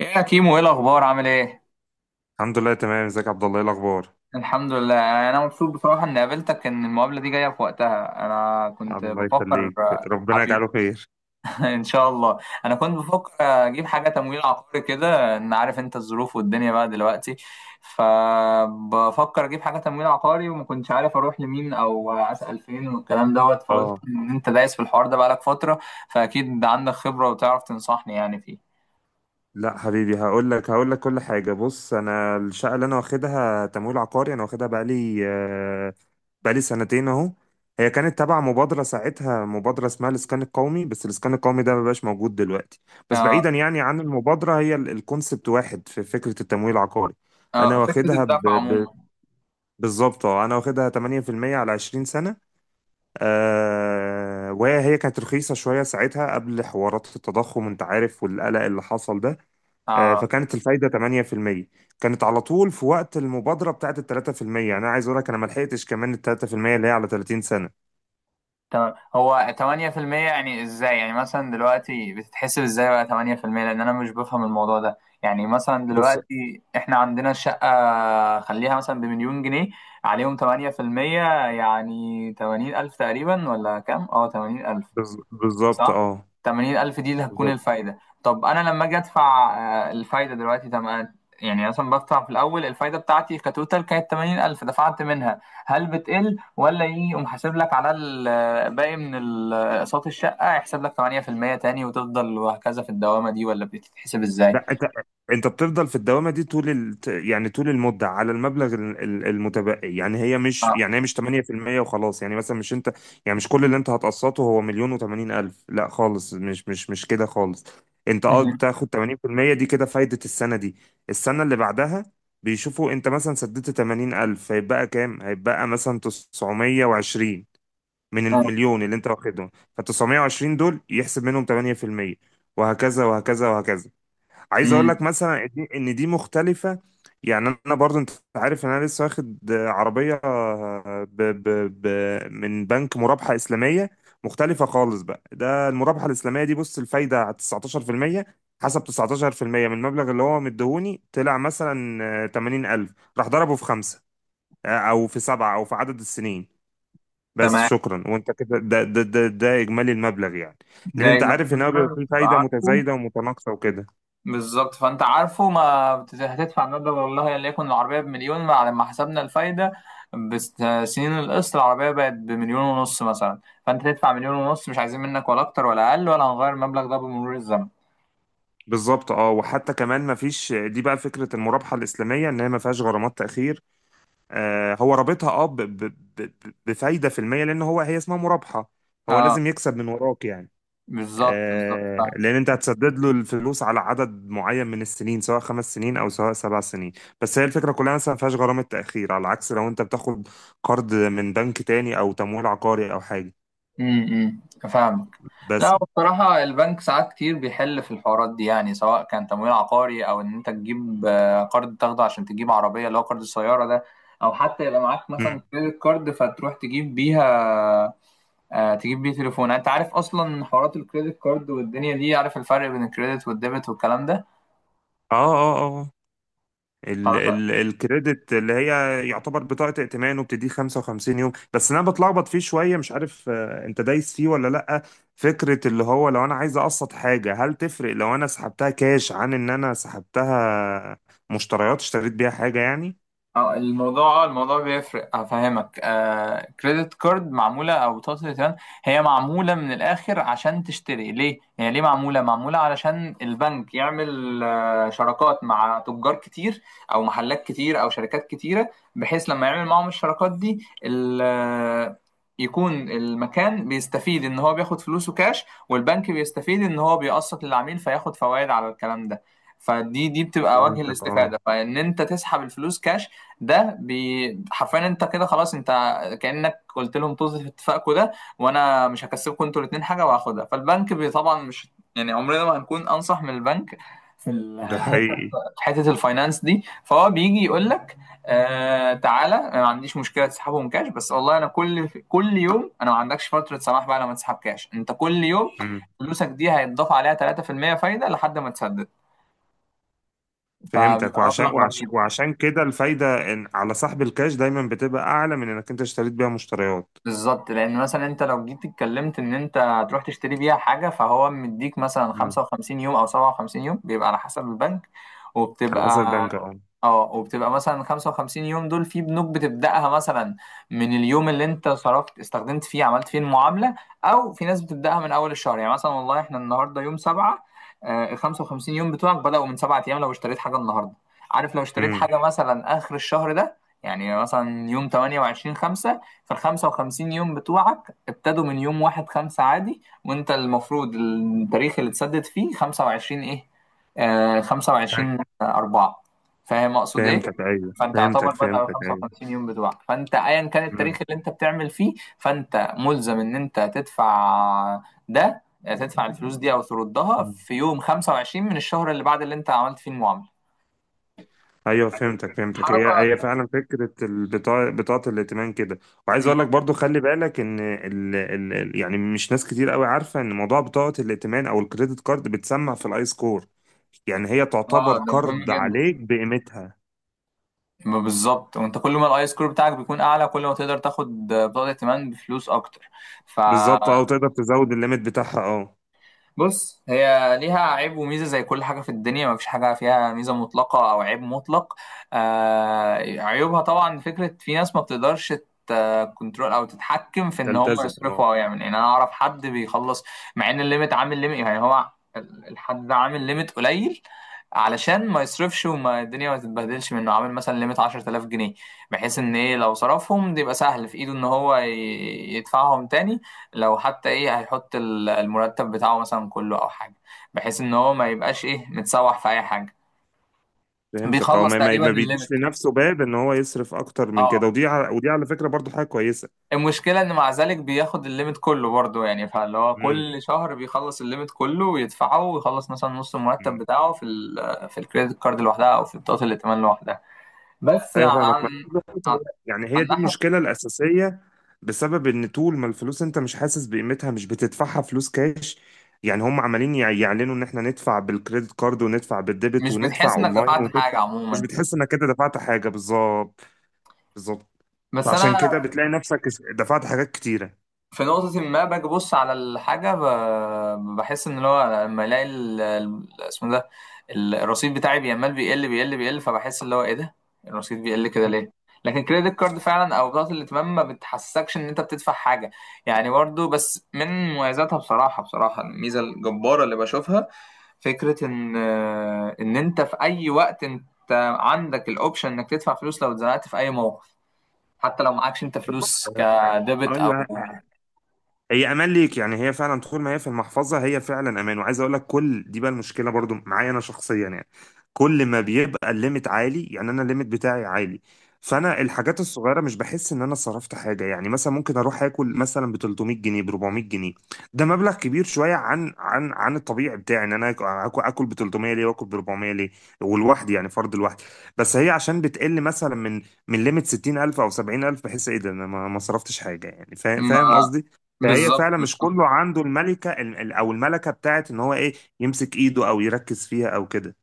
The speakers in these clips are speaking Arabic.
ايه يا كيمو، ايه الاخبار؟ عامل ايه؟ الحمد لله، تمام. ازيك يا عبد الله؟ ايه الاخبار؟ الحمد لله. انا مبسوط بصراحه اني قابلتك، ان المقابله دي جايه في وقتها. انا كنت الله بفكر. يخليك. ربنا حبيبي. يجعله خير. ان شاء الله. انا كنت بفكر اجيب حاجه تمويل عقاري كده، ان عارف انت الظروف والدنيا بقى دلوقتي. فبفكر اجيب حاجه تمويل عقاري، وما كنتش عارف اروح لمين او اسال فين والكلام دوت. فقلت اه، ان انت دايس في الحوار ده بقالك فتره، فاكيد عندك خبره وتعرف تنصحني يعني فيه. لا حبيبي، هقول لك كل حاجه. بص، انا الشقه اللي انا واخدها تمويل عقاري، انا واخدها بقالي سنتين اهو. هي كانت تبع مبادره ساعتها، مبادره اسمها الاسكان القومي، بس الاسكان القومي ده مبقاش موجود دلوقتي. بس بعيدا آه. يعني عن المبادره، هي الكونسبت واحد في فكره التمويل العقاري. انا آه، فكره واخدها ب... الدفع عموما. ب... بالظبط، انا واخدها 8% على 20 سنه. وهي كانت رخيصة شوية ساعتها قبل حوارات التضخم، انت عارف، والقلق اللي حصل ده. آه. فكانت الفايدة 8%. كانت على طول في وقت المبادرة بتاعت ال 3%. انا عايز اقول لك، انا ما لحقتش كمان ال 3% اللي هي على 30 سنة. تمام، هو 8% يعني ازاي؟ يعني مثلا دلوقتي بتتحسب ازاي بقى 8%؟ لان انا مش بفهم الموضوع ده. يعني مثلا بص، دلوقتي احنا عندنا الشقة، خليها مثلا بمليون جنيه، عليهم 8% يعني 80 ألف تقريبا، ولا كام؟ اه، 80 ألف. بالظبط صح. اه. 80,000 دي اللي هتكون الفايدة. طب أنا لما أجي أدفع، آه، الفايدة دلوقتي تمام. يعني مثلا بدفع في الأول، الفايدة بتاعتي كتوتال كانت 80,000، دفعت منها، هل بتقل ولا إيه؟ يقوم حاسب لك على الباقي من أقساط الشقة، يحسب لك 8% تاني وتفضل وهكذا في الدوامة دي، ولا بتتحسب إزاي؟ لا، انت بتفضل في الدوامه دي طول يعني طول المده، على المبلغ المتبقي. اه. يعني هي مش 8% وخلاص. يعني مثلا مش انت، يعني مش كل اللي انت هتقسطه هو مليون و80 الف. لا خالص، مش مش مش كده خالص. انت مم. بتاخد 80% دي كده فايده السنه دي، السنه اللي بعدها. بيشوفوا انت مثلا سددت 80 الف هيبقى كام، هيبقى مثلا 920، من آه. المليون اللي انت واخدهم. ف 920 دول يحسب منهم 8%، وهكذا وهكذا وهكذا. عايز اقول مم. لك مثلا ان دي مختلفة. يعني انا برضو، انت عارف ان انا لسه واخد عربية ب ب ب من بنك مرابحة اسلامية مختلفة خالص بقى. ده المرابحة الاسلامية دي، بص، الفايدة على 19%. حسب 19% من المبلغ اللي هو مديهوني، طلع مثلا 80000، راح ضربه في خمسة، او في سبعة، او في عدد السنين. بس تمام، شكرا، وانت كده، ده اجمالي المبلغ يعني. لان ده انت إجمالي عارف ان هو بيبقى المبلغ، فيه تبقى فايدة عارفه. متزايدة ومتناقصة وكده. بالظبط، فانت عارفه ما هتدفع مبلغ، والله ان يكون العربيه بمليون بعد ما حسبنا الفايده بسنين القسط، العربيه بقت بمليون ونص مثلا. فانت تدفع مليون ونص، مش عايزين منك ولا اكتر ولا اقل، ولا هنغير المبلغ ده بمرور الزمن. بالظبط اه، وحتى كمان ما فيش، دي بقى فكره المرابحه الاسلاميه، ان هي ما فيهاش غرامات تاخير. هو رابطها، بفايده في الميه، لان هو، هي اسمها مرابحه. هو اه، لازم يكسب من وراك يعني. بالظبط بالظبط، فاهم. لان انت هتسدد له الفلوس على عدد معين من السنين، سواء 5 سنين او سواء 7 سنين. بس هي الفكره كلها مثلا، ما فيهاش غرامه تاخير، على عكس لو انت بتاخد قرض من بنك تاني او تمويل عقاري او حاجه امم، فاهمك. بس. لا بصراحة، البنك ساعات كتير بيحل في الحوارات دي، يعني سواء كان تمويل عقاري أو إن أنت تجيب، آه، قرض تاخده عشان تجيب عربية، اللي هو قرض السيارة ده. أو حتى يبقى معاك مثلا مم. كريدت كارد فتروح تجيب بيها، آه، تجيب بيه تليفون. يعني انت عارف اصلا حوارات الكريدت كارد والدنيا دي، عارف الفرق بين الكريدت والديبت والكلام ده؟ اه، اه، آه، آه. ال خلاص. ال الكريدت اللي هي يعتبر بطاقة ائتمان، وبتديه 55 يوم. بس انا بتلخبط فيه شوية، مش عارف، انت دايس فيه ولا لأ؟ فكرة اللي هو لو انا عايز اقسط حاجة، هل تفرق لو انا سحبتها كاش، عن ان انا سحبتها مشتريات، اشتريت بيها حاجة يعني؟ اه الموضوع بيفرق، افهمك. آه، كريدت كارد، معموله، او بطاقه الائتمان، هي معموله من الاخر عشان تشتري. ليه هي ليه معموله؟ معموله علشان البنك يعمل، آه، شراكات مع تجار كتير او محلات كتير او شركات كتيره. بحيث لما يعمل معاهم الشراكات دي يكون المكان بيستفيد ان هو بياخد فلوسه كاش، والبنك بيستفيد ان هو بيقسط للعميل فياخد فوائد على الكلام ده. فدي بتبقى وجه فهمتك اه. الاستفاده، فان انت تسحب الفلوس كاش، حرفيا انت كده خلاص. انت كأنك قلت لهم طز في اتفاقكم ده، وانا مش هكسبكم انتوا الاتنين حاجه وهاخدها، فالبنك طبعا مش، يعني عمرنا ما هنكون انصح من البنك في ده حقيقي. في حته الفاينانس دي. فهو بيجي يقول لك، آه تعالى انا ما عنديش مشكله تسحبهم كاش، بس والله انا كل يوم، انا ما عندكش فتره سماح بقى لما تسحب كاش. انت كل يوم مم. فلوسك دي هيتضاف عليها 3% فايده لحد ما تسدد، فهمتك. فبيبقى مبلغ رهيب. وعشان كده الفايدة إن على سحب الكاش دايما بتبقى اعلى من انك انت اشتريت بيها مشتريات. بالظبط، لان مثلا انت لو جيت اتكلمت ان انت هتروح تشتري بيها حاجه، فهو مديك مثلا مم. 55 يوم او 57 يوم، بيبقى على حسب البنك. وبتبقى، على حسب البنك اه. اه، وبتبقى مثلا 55 يوم دول، في بنوك بتبدأها مثلا من اليوم اللي انت صرفت استخدمت فيه عملت فيه المعاملة، او في ناس بتبدأها من اول الشهر. يعني مثلا والله احنا النهارده يوم 7، آه، ال 55 يوم بتوعك بدأوا من 7 ايام لو اشتريت حاجة النهارده. عارف؟ لو اشتريت مم. حاجة مثلا اخر الشهر ده، يعني مثلا يوم 28 5، فال 55 يوم بتوعك ابتدوا من يوم 1 5 عادي. وانت المفروض التاريخ اللي تسدد فيه 25 ايه، آه 25 4. فاهم اقصد ايه؟ فهمتك، ايوه، فانت يعتبر فهمتك، بدأ على فهمتك، ايوه. 55 يوم بتوعك، فانت ايا كان التاريخ مم. اللي انت بتعمل فيه، فانت ملزم ان انت تدفع ده، تدفع الفلوس دي او تردها مم. في يوم 25 من الشهر اللي بعد اللي انت عملت فيه المعامله. ايوه، فهمتك، فهمتك، هي حركة. هي فعلا فكره البطاقه، بطاقه الائتمان كده. وعايز مم. اقول لك برضو، خلي بالك ان يعني مش ناس كتير قوي عارفه ان موضوع بطاقه الائتمان او الكريدت كارد بتسمع في الاي سكور. يعني هي اه، تعتبر ده مهم قرض جدا. عليك بقيمتها. ما بالظبط. وانت كل ما الاي سكور بتاعك بيكون اعلى، كل ما تقدر تاخد بطاقه ائتمان بفلوس اكتر. ف، بالظبط اه، وتقدر تزود الليميت بتاعها اه. بص، هي ليها عيب وميزة زي كل حاجة في الدنيا، ما فيش حاجة فيها ميزة مطلقة أو عيب مطلق. آه، عيوبها طبعا فكرة في ناس ما بتقدرش كنترول أو تتحكم في إن هم تلتزم اه. يصرفوا، أو يعمل. يعني أنا أعرف حد بيخلص مع إن الليميت، عامل ليميت يعني، هو الحد ده عامل ليميت قليل علشان ما يصرفش وما الدنيا ما تتبهدلش منه، عامل مثلا ليميت 10,000 جنيه، بحيث إن إيه، لو صرفهم ده يبقى سهل في إيده إن هو يدفعهم تاني. لو حتى ايه، هيحط المرتب بتاعه مثلا كله او حاجه، بحيث ان هو ما يبقاش ايه متسوح في اي حاجه. فهمتك اه، بيخلص ما ما تقريبا ما بيديش الليمت. لنفسه باب ان هو يصرف اكتر من كده. اه، ودي على فكره برضو حاجه كويسه. المشكله ان مع ذلك بياخد الليمت كله برضه، يعني فاللي هو كل شهر بيخلص الليمت كله ويدفعه، ويخلص مثلا نص المرتب امم. بتاعه في ال في الكريدت كارد لوحدها، او في بطاقه الائتمان لوحدها. بس ايوه فاهمك ما عن عن يعني هي عن دي ناحيه، المشكله الاساسيه. بسبب ان طول ما الفلوس انت مش حاسس بقيمتها، مش بتدفعها فلوس كاش. يعني هم عمالين يعلنوا ان احنا ندفع بالكريدت كارد، وندفع بالديبت، مش وندفع بتحس انك اونلاين، دفعت حاجه وندفع. مش عموما. بتحس انك كده دفعت حاجه. بالظبط. بالظبط. بس فعشان انا كده بتلاقي نفسك دفعت حاجات كتيره. في نقطة ما باجي أبص على الحاجة، بحس إن اللي هو لما ألاقي اسمه ده الرصيد بتاعي بيعمل بيقل، فبحس اللي هو إيه ده، الرصيد بيقل كده ليه؟ لكن كريدت كارد فعلا أو بطاقة الائتمان، ما بتحسكش إن أنت بتدفع حاجة. يعني برضه، بس من مميزاتها بصراحة، بصراحة الميزة الجبارة اللي بشوفها، فكرة إن، إن أنت في أي وقت أنت عندك الأوبشن إنك تدفع فلوس لو اتزنقت في أي موقف، حتى لو معكش أنت بالظبط فلوس كديبت أو. ايوه، هي امان ليك. يعني هي فعلا طول ما هي في المحفظه، هي فعلا امان. وعايز اقول لك كل دي بقى المشكله برضو معايا انا شخصيا يعني. كل ما بيبقى الليميت عالي، يعني انا الليميت بتاعي عالي، فانا الحاجات الصغيره مش بحس ان انا صرفت حاجه. يعني مثلا ممكن اروح اكل مثلا ب 300 جنيه، ب 400 جنيه. ده مبلغ كبير شويه عن الطبيعي بتاعي ان انا اكل. اكل ب 300 ليه، واكل ب 400 ليه؟ والواحد يعني فرد الواحد. بس هي عشان بتقل مثلا من ليميت 60000 او 70000، بحس ايه ده، انا ما صرفتش حاجه يعني. فاهم، فاهم ما قصدي. فهي بالظبط فعلا مش بالظبط. كله عنده الملكة، او الملكة بتاعت ان هو ايه، يمسك ايده او يركز فيها او كده.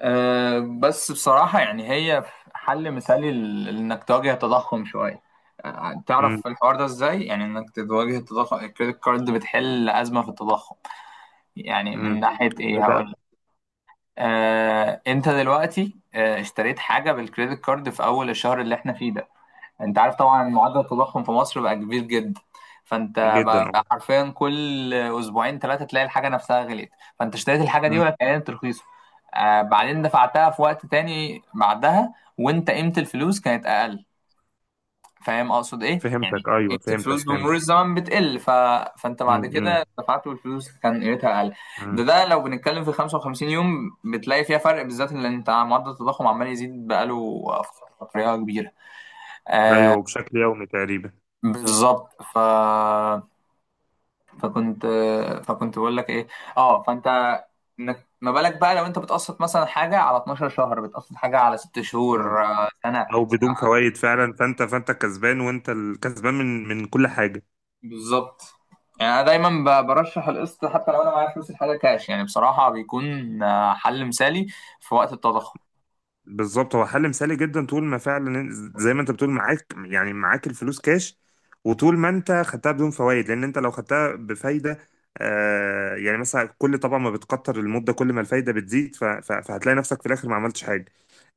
أه بس بصراحة يعني، هي حل مثالي لإنك تواجه التضخم شوية. أه، امم، تعرف الحوار ده إزاي؟ يعني إنك تواجه التضخم، الكريدت كارد بتحل أزمة في التضخم. يعني امم. من ناحية ازاي إيه، هقول بقى؟ لك. أه أنت دلوقتي، أه، اشتريت حاجة بالكريدت كارد في أول الشهر اللي إحنا فيه ده، انت عارف طبعا معدل التضخم في مصر بقى كبير جدا. فانت بقى جدا تمام اه. بقى، حرفيا كل اسبوعين ثلاثه تلاقي الحاجه نفسها غليت. فانت اشتريت الحاجه دي أمم. وقت اعلان ترخيصه، آه بعدين دفعتها في وقت تاني بعدها، وانت قيمه الفلوس كانت اقل. فاهم اقصد ايه؟ يعني فهمتك، قيمه ايوه، الفلوس فهمتك، بمرور فهمتك. الزمن بتقل فانت امم، بعد امم. كده دفعت والفلوس كان قيمتها اقل. ده إمم. ده لو بنتكلم في 55 يوم بتلاقي فيها فرق، بالذات ان انت معدل التضخم عمال يزيد بقاله فتره كبيره. ايوه، وبشكل يومي تقريبا. بالظبط ف... فكنت فكنت بقول لك ايه، اه فانت، انك ما بالك بقى لو انت بتقسط مثلا حاجه على 12 شهر، بتقسط حاجه على 6 اه، شهور، آه، سنه. او بدون فوائد فعلا. فانت كسبان، وانت الكسبان من كل حاجة. بالظبط. يعني انا دايما برشح القسط حتى لو انا معايا فلوس الحاجه كاش. يعني بصراحه بيكون، آه، حل مثالي في وقت التضخم. بالظبط، هو حل مثالي جدا، طول ما فعلا زي ما انت بتقول معاك، يعني معاك الفلوس كاش، وطول ما انت خدتها بدون فوائد. لان انت لو خدتها بفايده، يعني مثلا كل، طبعا ما بتكتر المده كل ما الفايده بتزيد، فهتلاقي نفسك في الاخر ما عملتش حاجه.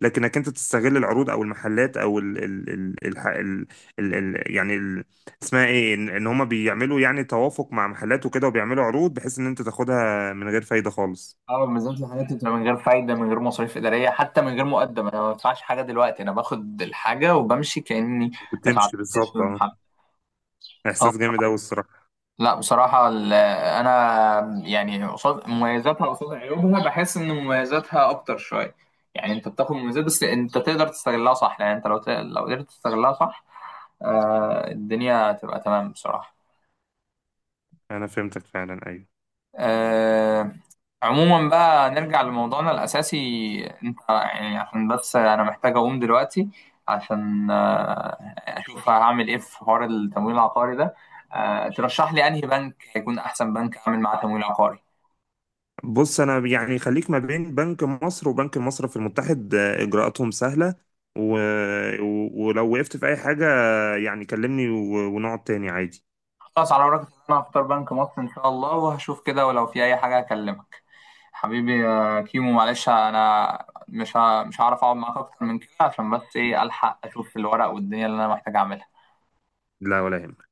لكنك انت تستغل العروض او المحلات او ال ال ال ال ال ال ال يعني ال اسمها ايه، ان هما بيعملوا يعني توافق مع محلات وكده، وبيعملوا عروض بحيث ان انت تاخدها من غير فايده خالص. اه، بالذات الحاجات اللي بتبقى من غير فايده، من غير مصاريف اداريه، حتى من غير مقدم. انا ما بدفعش حاجه دلوقتي، انا باخد الحاجه وبمشي كاني دفعت وتمشي كاش في بالظبط اه. المحل. احساس جامد قوي الصراحه. لا بصراحة أنا يعني قصاد مميزاتها قصاد عيوبها بحس إن مميزاتها أكتر شوية. يعني أنت بتاخد مميزات، بس أنت تقدر تستغلها صح. يعني أنت لو لو قدرت تستغلها صح، آه، الدنيا تبقى تمام بصراحة. انا فهمتك فعلا ايوه. آه، عموما بقى نرجع لموضوعنا الأساسي. أنت يعني عشان بس أنا محتاج أقوم دلوقتي عشان، آه، أشوف هعمل إيه في حوار التمويل العقاري ده. آه، ترشح لي أنهي بنك هيكون أحسن بنك أعمل معاه تمويل عقاري؟ بص، انا يعني خليك ما بين بنك مصر وبنك المصرف المتحد، اجراءاتهم سهله. و... ولو وقفت في اي حاجه، يعني كلمني ونقعد تاني عادي. خلاص، على وراك إن انا هختار بنك مصر ان شاء الله، وهشوف كده ولو في اي حاجه هكلمك. حبيبي يا كيمو، معلش انا مش هعرف اقعد معاك اكتر من كده، عشان بس ايه الحق اشوف الورق والدنيا اللي انا محتاج اعملها. لا، ولا يهمك.